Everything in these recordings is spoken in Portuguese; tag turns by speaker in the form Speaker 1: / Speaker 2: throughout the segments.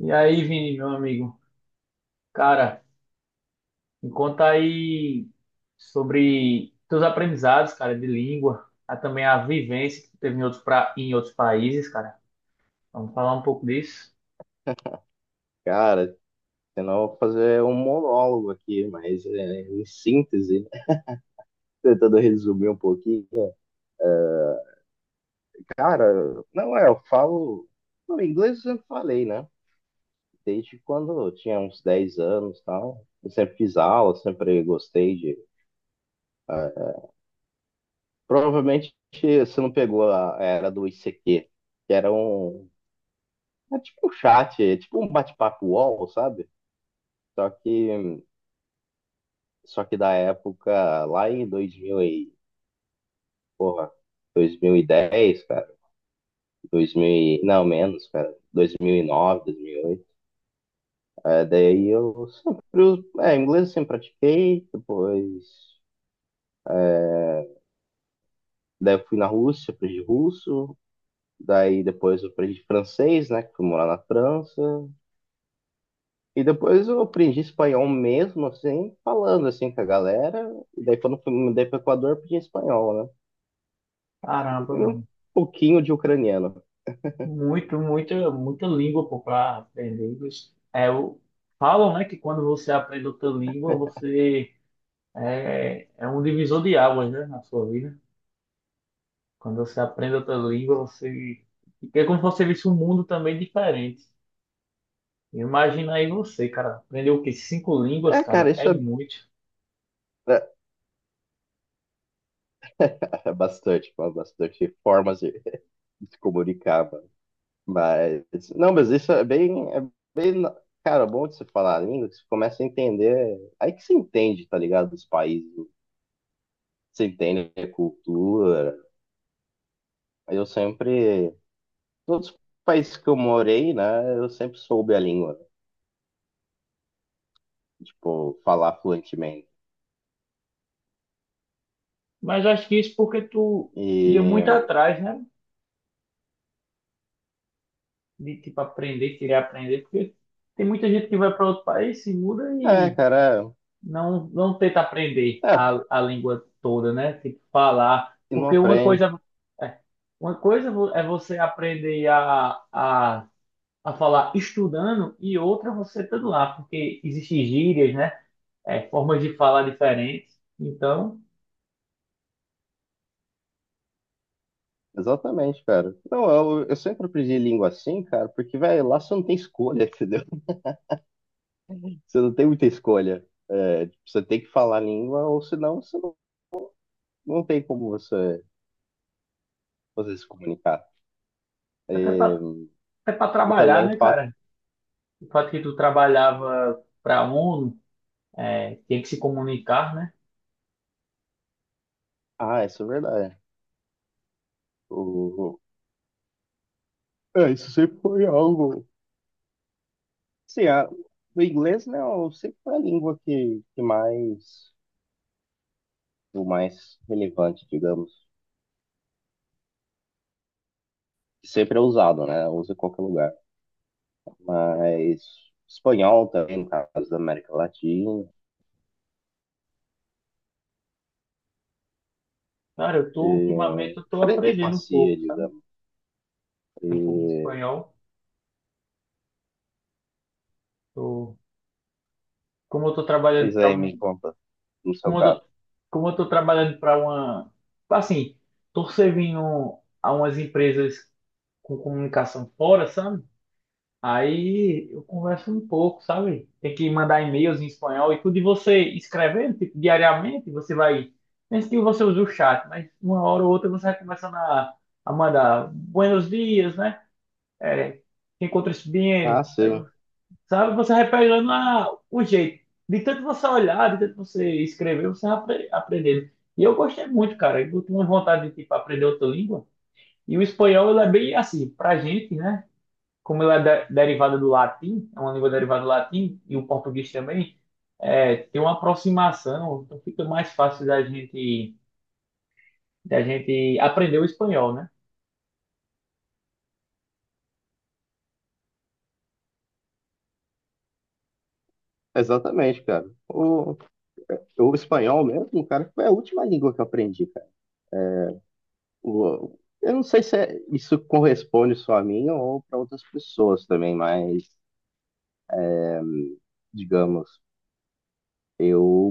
Speaker 1: E aí, Vini, meu amigo? Cara, me conta aí sobre teus aprendizados, cara, de língua, a, também a vivência que tu teve em outros, pra, em outros países, cara. Vamos falar um pouco disso?
Speaker 2: Cara, senão eu vou fazer um monólogo aqui, mas em síntese, né? Tentando resumir um pouquinho. é, Cara, não é, eu falo. Não, inglês eu sempre falei, né? Desde quando eu tinha uns 10 anos e tal. Eu sempre fiz aula, sempre gostei de. ah, Provavelmente você não pegou a era do I C Q, que era um. É tipo um chat, é tipo um bate-papo UOL, sabe? Só que, só que da época, lá em 2000 e porra, 2010, cara, 2000, e- não, menos, cara, 2009, 2008. Daí eu sempre, us- é, inglês eu sempre pratiquei, depois, daí eu fui na Rússia, aprendi russo, daí depois eu aprendi francês, né, que fui morar na França, e depois eu aprendi espanhol mesmo, assim, falando, assim, com a galera, e daí quando fui, me mudei pro Equador, eu aprendi espanhol, né, e
Speaker 1: Caramba,
Speaker 2: um
Speaker 1: mano.
Speaker 2: pouquinho de ucraniano.
Speaker 1: Muito, muita, muita língua, pô, pra aprender. Isso é, falam, né, que quando você aprende outra língua, você é um divisor de águas, né, na sua vida. Quando você aprende outra língua, você é como se você visse um mundo também diferente. Imagina aí você, cara, aprender o quê? Cinco línguas,
Speaker 2: É, cara,
Speaker 1: cara, é
Speaker 2: isso é,
Speaker 1: muito.
Speaker 2: é é bastante, bastante formas, se comunicava. Mas, não, mas isso é bem, bem, cara, bom de se falar a língua, que você começa a entender, aí que você entende, tá ligado, dos países, você entende a cultura. Eu sempre, todos os países que eu morei, né, eu sempre soube a língua, tipo, falar fluentemente.
Speaker 1: Mas acho que isso porque tu ia muito
Speaker 2: E,
Speaker 1: atrás, né? De tipo aprender, querer aprender, porque tem muita gente que vai para outro país, se muda
Speaker 2: é,
Speaker 1: e
Speaker 2: cara,
Speaker 1: não tenta aprender
Speaker 2: é,
Speaker 1: a língua toda, né? Tipo falar,
Speaker 2: e não
Speaker 1: porque uma
Speaker 2: aprende.
Speaker 1: coisa é, uma coisa é você aprender a falar estudando e outra você estando lá, porque existem gírias, né? É, formas de falar diferentes. Então
Speaker 2: Exatamente, cara. Não, eu sempre aprendi língua assim, cara, porque, velho, lá você não tem escolha, entendeu? Você não tem muita escolha. É, você tem que falar a língua, ou senão você não, não tem como você, você se comunicar. É,
Speaker 1: é para
Speaker 2: e também
Speaker 1: trabalhar,
Speaker 2: o
Speaker 1: né,
Speaker 2: fato.
Speaker 1: cara? O fato que tu trabalhava para a ONU, é, tem que se comunicar, né?
Speaker 2: Ah, isso é verdade. O, é, isso sempre foi algo. Sim, a- o inglês, né, sempre foi a língua que mais. O mais relevante, digamos. Sempre é usado, né? Usa em qualquer lugar. Mas espanhol também, no caso da América Latina.
Speaker 1: Cara, eu tô, ultimamente, eu tô
Speaker 2: Fran- e
Speaker 1: aprendendo um
Speaker 2: Francia,
Speaker 1: pouco, sabe?
Speaker 2: digamos.
Speaker 1: Um pouco de
Speaker 2: E,
Speaker 1: espanhol. Tô, como eu tô trabalhando
Speaker 2: mas
Speaker 1: para
Speaker 2: aí me
Speaker 1: um,
Speaker 2: conta, no seu
Speaker 1: como eu
Speaker 2: caso.
Speaker 1: tô, como eu tô trabalhando para uma, assim, tô servindo a umas empresas com comunicação fora, sabe? Aí eu converso um pouco, sabe? Tem que mandar e-mails em espanhol e tudo. E você escrevendo, tipo, diariamente, você vai. Mesmo que você use o chat, mas uma hora ou outra você vai começando a mandar buenos dias, né? É, te encontras
Speaker 2: Ah,
Speaker 1: bem. Aí,
Speaker 2: sim.
Speaker 1: sabe? Você vai pegando o jeito. De tanto você olhar, de tanto você escrever, você vai aprendendo. E eu gostei muito, cara. Eu tenho vontade de, tipo, aprender outra língua. E o espanhol, ele é bem assim, pra gente, né? Como ela é derivada do latim, é uma língua derivada do latim, e o português também, é, tem uma aproximação, então fica mais fácil da gente aprender o espanhol, né?
Speaker 2: Exatamente, cara. O espanhol mesmo, cara, foi a última língua que eu aprendi, cara. O- eu não sei se é- isso corresponde só a mim ou para outras pessoas também, mas, digamos, eu,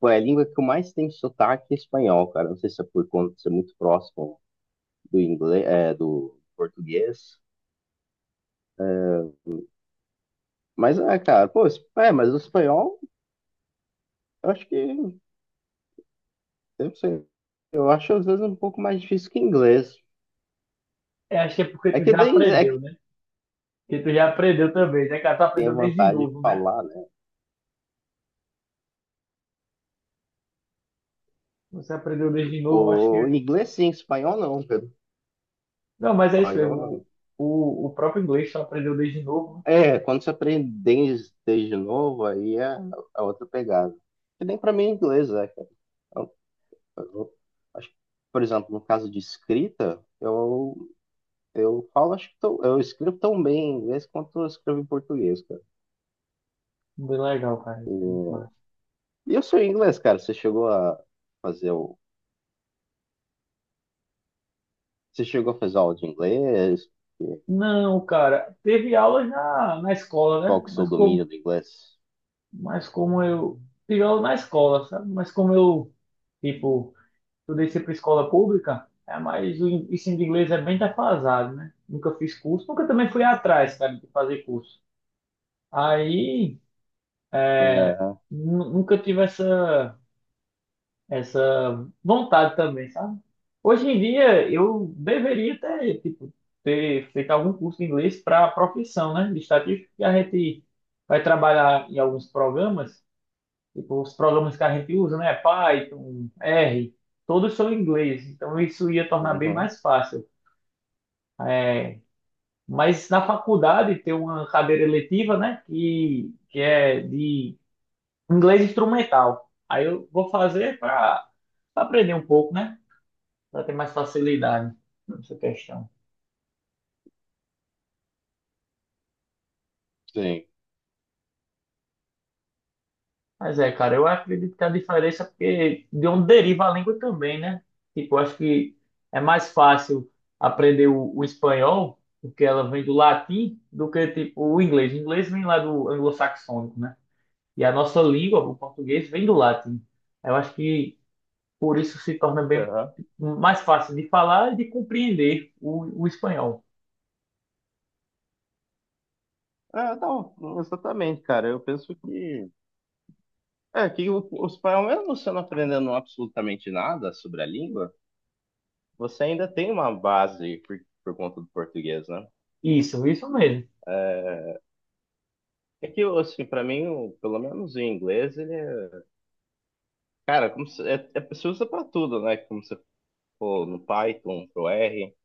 Speaker 2: foi a língua que eu mais tenho sotaque é espanhol, cara. Não sei se é por conta de ser muito próximo do inglês, é, do português. Mas, é, cara, pô, es- é, mas o espanhol, eu acho que, eu não sei, eu acho às vezes um pouco mais difícil que inglês.
Speaker 1: É, acho que é porque
Speaker 2: É
Speaker 1: tu
Speaker 2: que
Speaker 1: já
Speaker 2: daí, é
Speaker 1: aprendeu, né? Porque tu já aprendeu também, né, cara? Tu
Speaker 2: tenha
Speaker 1: aprendeu desde
Speaker 2: vontade de
Speaker 1: novo, né?
Speaker 2: falar, né?
Speaker 1: Você aprendeu desde novo, acho
Speaker 2: O
Speaker 1: que.
Speaker 2: inglês sim, espanhol não, Pedro.
Speaker 1: Não, mas é isso
Speaker 2: Espanhol
Speaker 1: mesmo.
Speaker 2: não.
Speaker 1: O próprio inglês tu aprendeu desde novo.
Speaker 2: É, quando você aprende desde novo, aí é, é outra pegada. Que nem pra mim é inglês, é, cara. Eu- eu- acho que, por exemplo, no caso de escrita, eu falo, acho que tô- eu escrevo tão bem em inglês quanto eu escrevo em português, cara.
Speaker 1: Né? Bem legal, cara. Isso é muito massa.
Speaker 2: E o seu inglês, cara? Você chegou a fazer o. Você chegou a fazer aula de inglês?
Speaker 1: Não, cara, teve aulas na escola,
Speaker 2: Qual
Speaker 1: né?
Speaker 2: que é o seu domínio do inglês?
Speaker 1: Mas como eu. Pior na escola, sabe? Mas como eu, tipo, estudei sempre em escola pública, é, mas o ensino de inglês é bem defasado, né? Nunca fiz curso, nunca também fui atrás, cara, de fazer curso. Aí,
Speaker 2: Aham,
Speaker 1: nunca tive essa, essa vontade também, sabe? Hoje em dia, eu deveria ter, tipo, ter feito algum curso de inglês para a profissão, né? De estatística, que a gente vai trabalhar em alguns programas. Tipo, os programas que a gente usa, né? Python, R, todos são em inglês, então isso ia tornar bem
Speaker 2: uhum,
Speaker 1: mais fácil. É, mas na faculdade tem uma cadeira eletiva, né? Que é de inglês instrumental. Aí eu vou fazer para aprender um pouco, né? Para ter mais facilidade nessa questão.
Speaker 2: sim.
Speaker 1: Mas é, cara, eu acredito que a diferença é porque de onde deriva a língua também, né? Tipo, eu acho que é mais fácil aprender o espanhol, porque ela vem do latim, do que tipo o inglês. O inglês vem lá do anglo-saxônico, né? E a nossa língua, o português, vem do latim. Eu acho que por isso se torna bem
Speaker 2: Aham.
Speaker 1: mais fácil de falar e de compreender o espanhol.
Speaker 2: É, não, exatamente, cara. Eu penso que. É, que o espanhol, mesmo você não aprendendo absolutamente nada sobre a língua, você ainda tem uma base por conta do português, né?
Speaker 1: Isso mesmo.
Speaker 2: É que, assim, pra mim, o- pelo menos o inglês, ele é. Cara, como se, é, é, se usa pra tudo, né? Como se for no Python, pro R.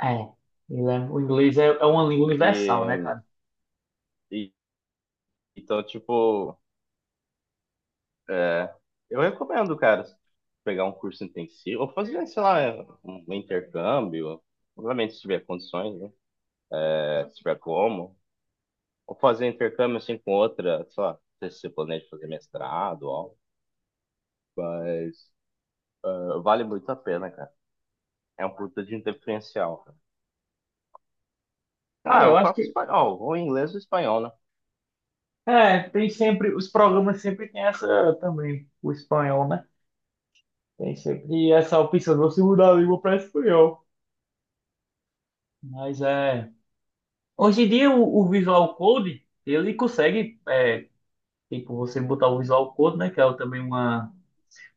Speaker 1: É, o inglês é, é uma língua universal, né,
Speaker 2: E,
Speaker 1: cara?
Speaker 2: e- então, tipo, eu recomendo, cara, pegar um curso intensivo, ou fazer, sei lá, um intercâmbio, obviamente, se tiver condições, né? Se tiver como, ou fazer intercâmbio assim com outra, sei lá, não sei se você planeja fazer mestrado ou algo, mas vale muito a pena, cara. É um produto de diferencial, cara.
Speaker 1: Cara,
Speaker 2: Ah,
Speaker 1: eu
Speaker 2: o
Speaker 1: acho
Speaker 2: próprio
Speaker 1: que
Speaker 2: espanhol, ou inglês ou espanhol, né?
Speaker 1: é, tem sempre, os programas sempre tem essa também, o espanhol, né? Tem sempre essa opção de você mudar a língua para espanhol. Mas é. Hoje em dia o Visual Code, ele consegue, é, tipo, você botar o Visual Code, né? Que é também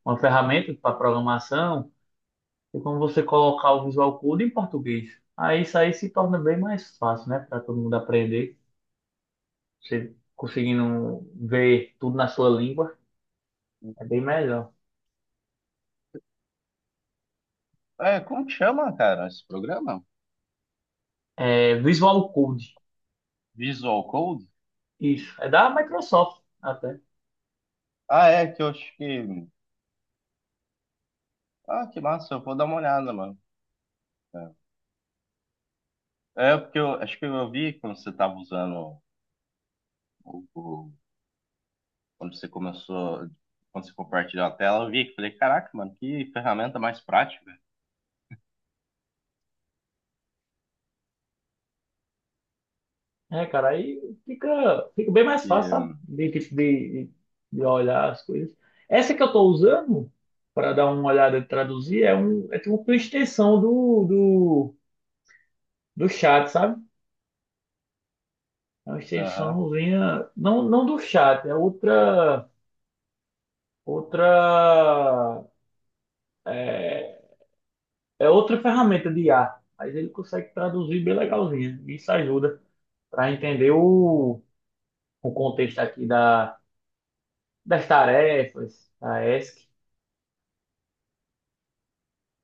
Speaker 1: uma ferramenta para programação, e como você colocar o Visual Code em português. Aí isso aí se torna bem mais fácil, né? Para todo mundo aprender. Você conseguindo ver tudo na sua língua, é bem melhor.
Speaker 2: É, como que chama, cara, esse programa?
Speaker 1: É Visual Code.
Speaker 2: Visual Code?
Speaker 1: Isso, é da Microsoft até.
Speaker 2: Ah, é, que eu acho que. Ah, que massa, eu vou dar uma olhada, mano. É, É, porque eu acho que eu vi quando você tava usando o- quando você começou, quando você compartilhou a tela, eu vi que falei, caraca, mano, que ferramenta mais prática.
Speaker 1: É, cara, aí fica, fica bem mais fácil, sabe? De olhar as coisas. Essa que eu tô usando, para dar uma olhada e traduzir, é, um, é tipo uma extensão do chat, sabe? É uma
Speaker 2: Aham.
Speaker 1: extensãozinha, não do chat, é outra, outra, é outra ferramenta de IA. Mas ele consegue traduzir bem legalzinha. Isso ajuda para entender o contexto aqui da das tarefas, a ESC.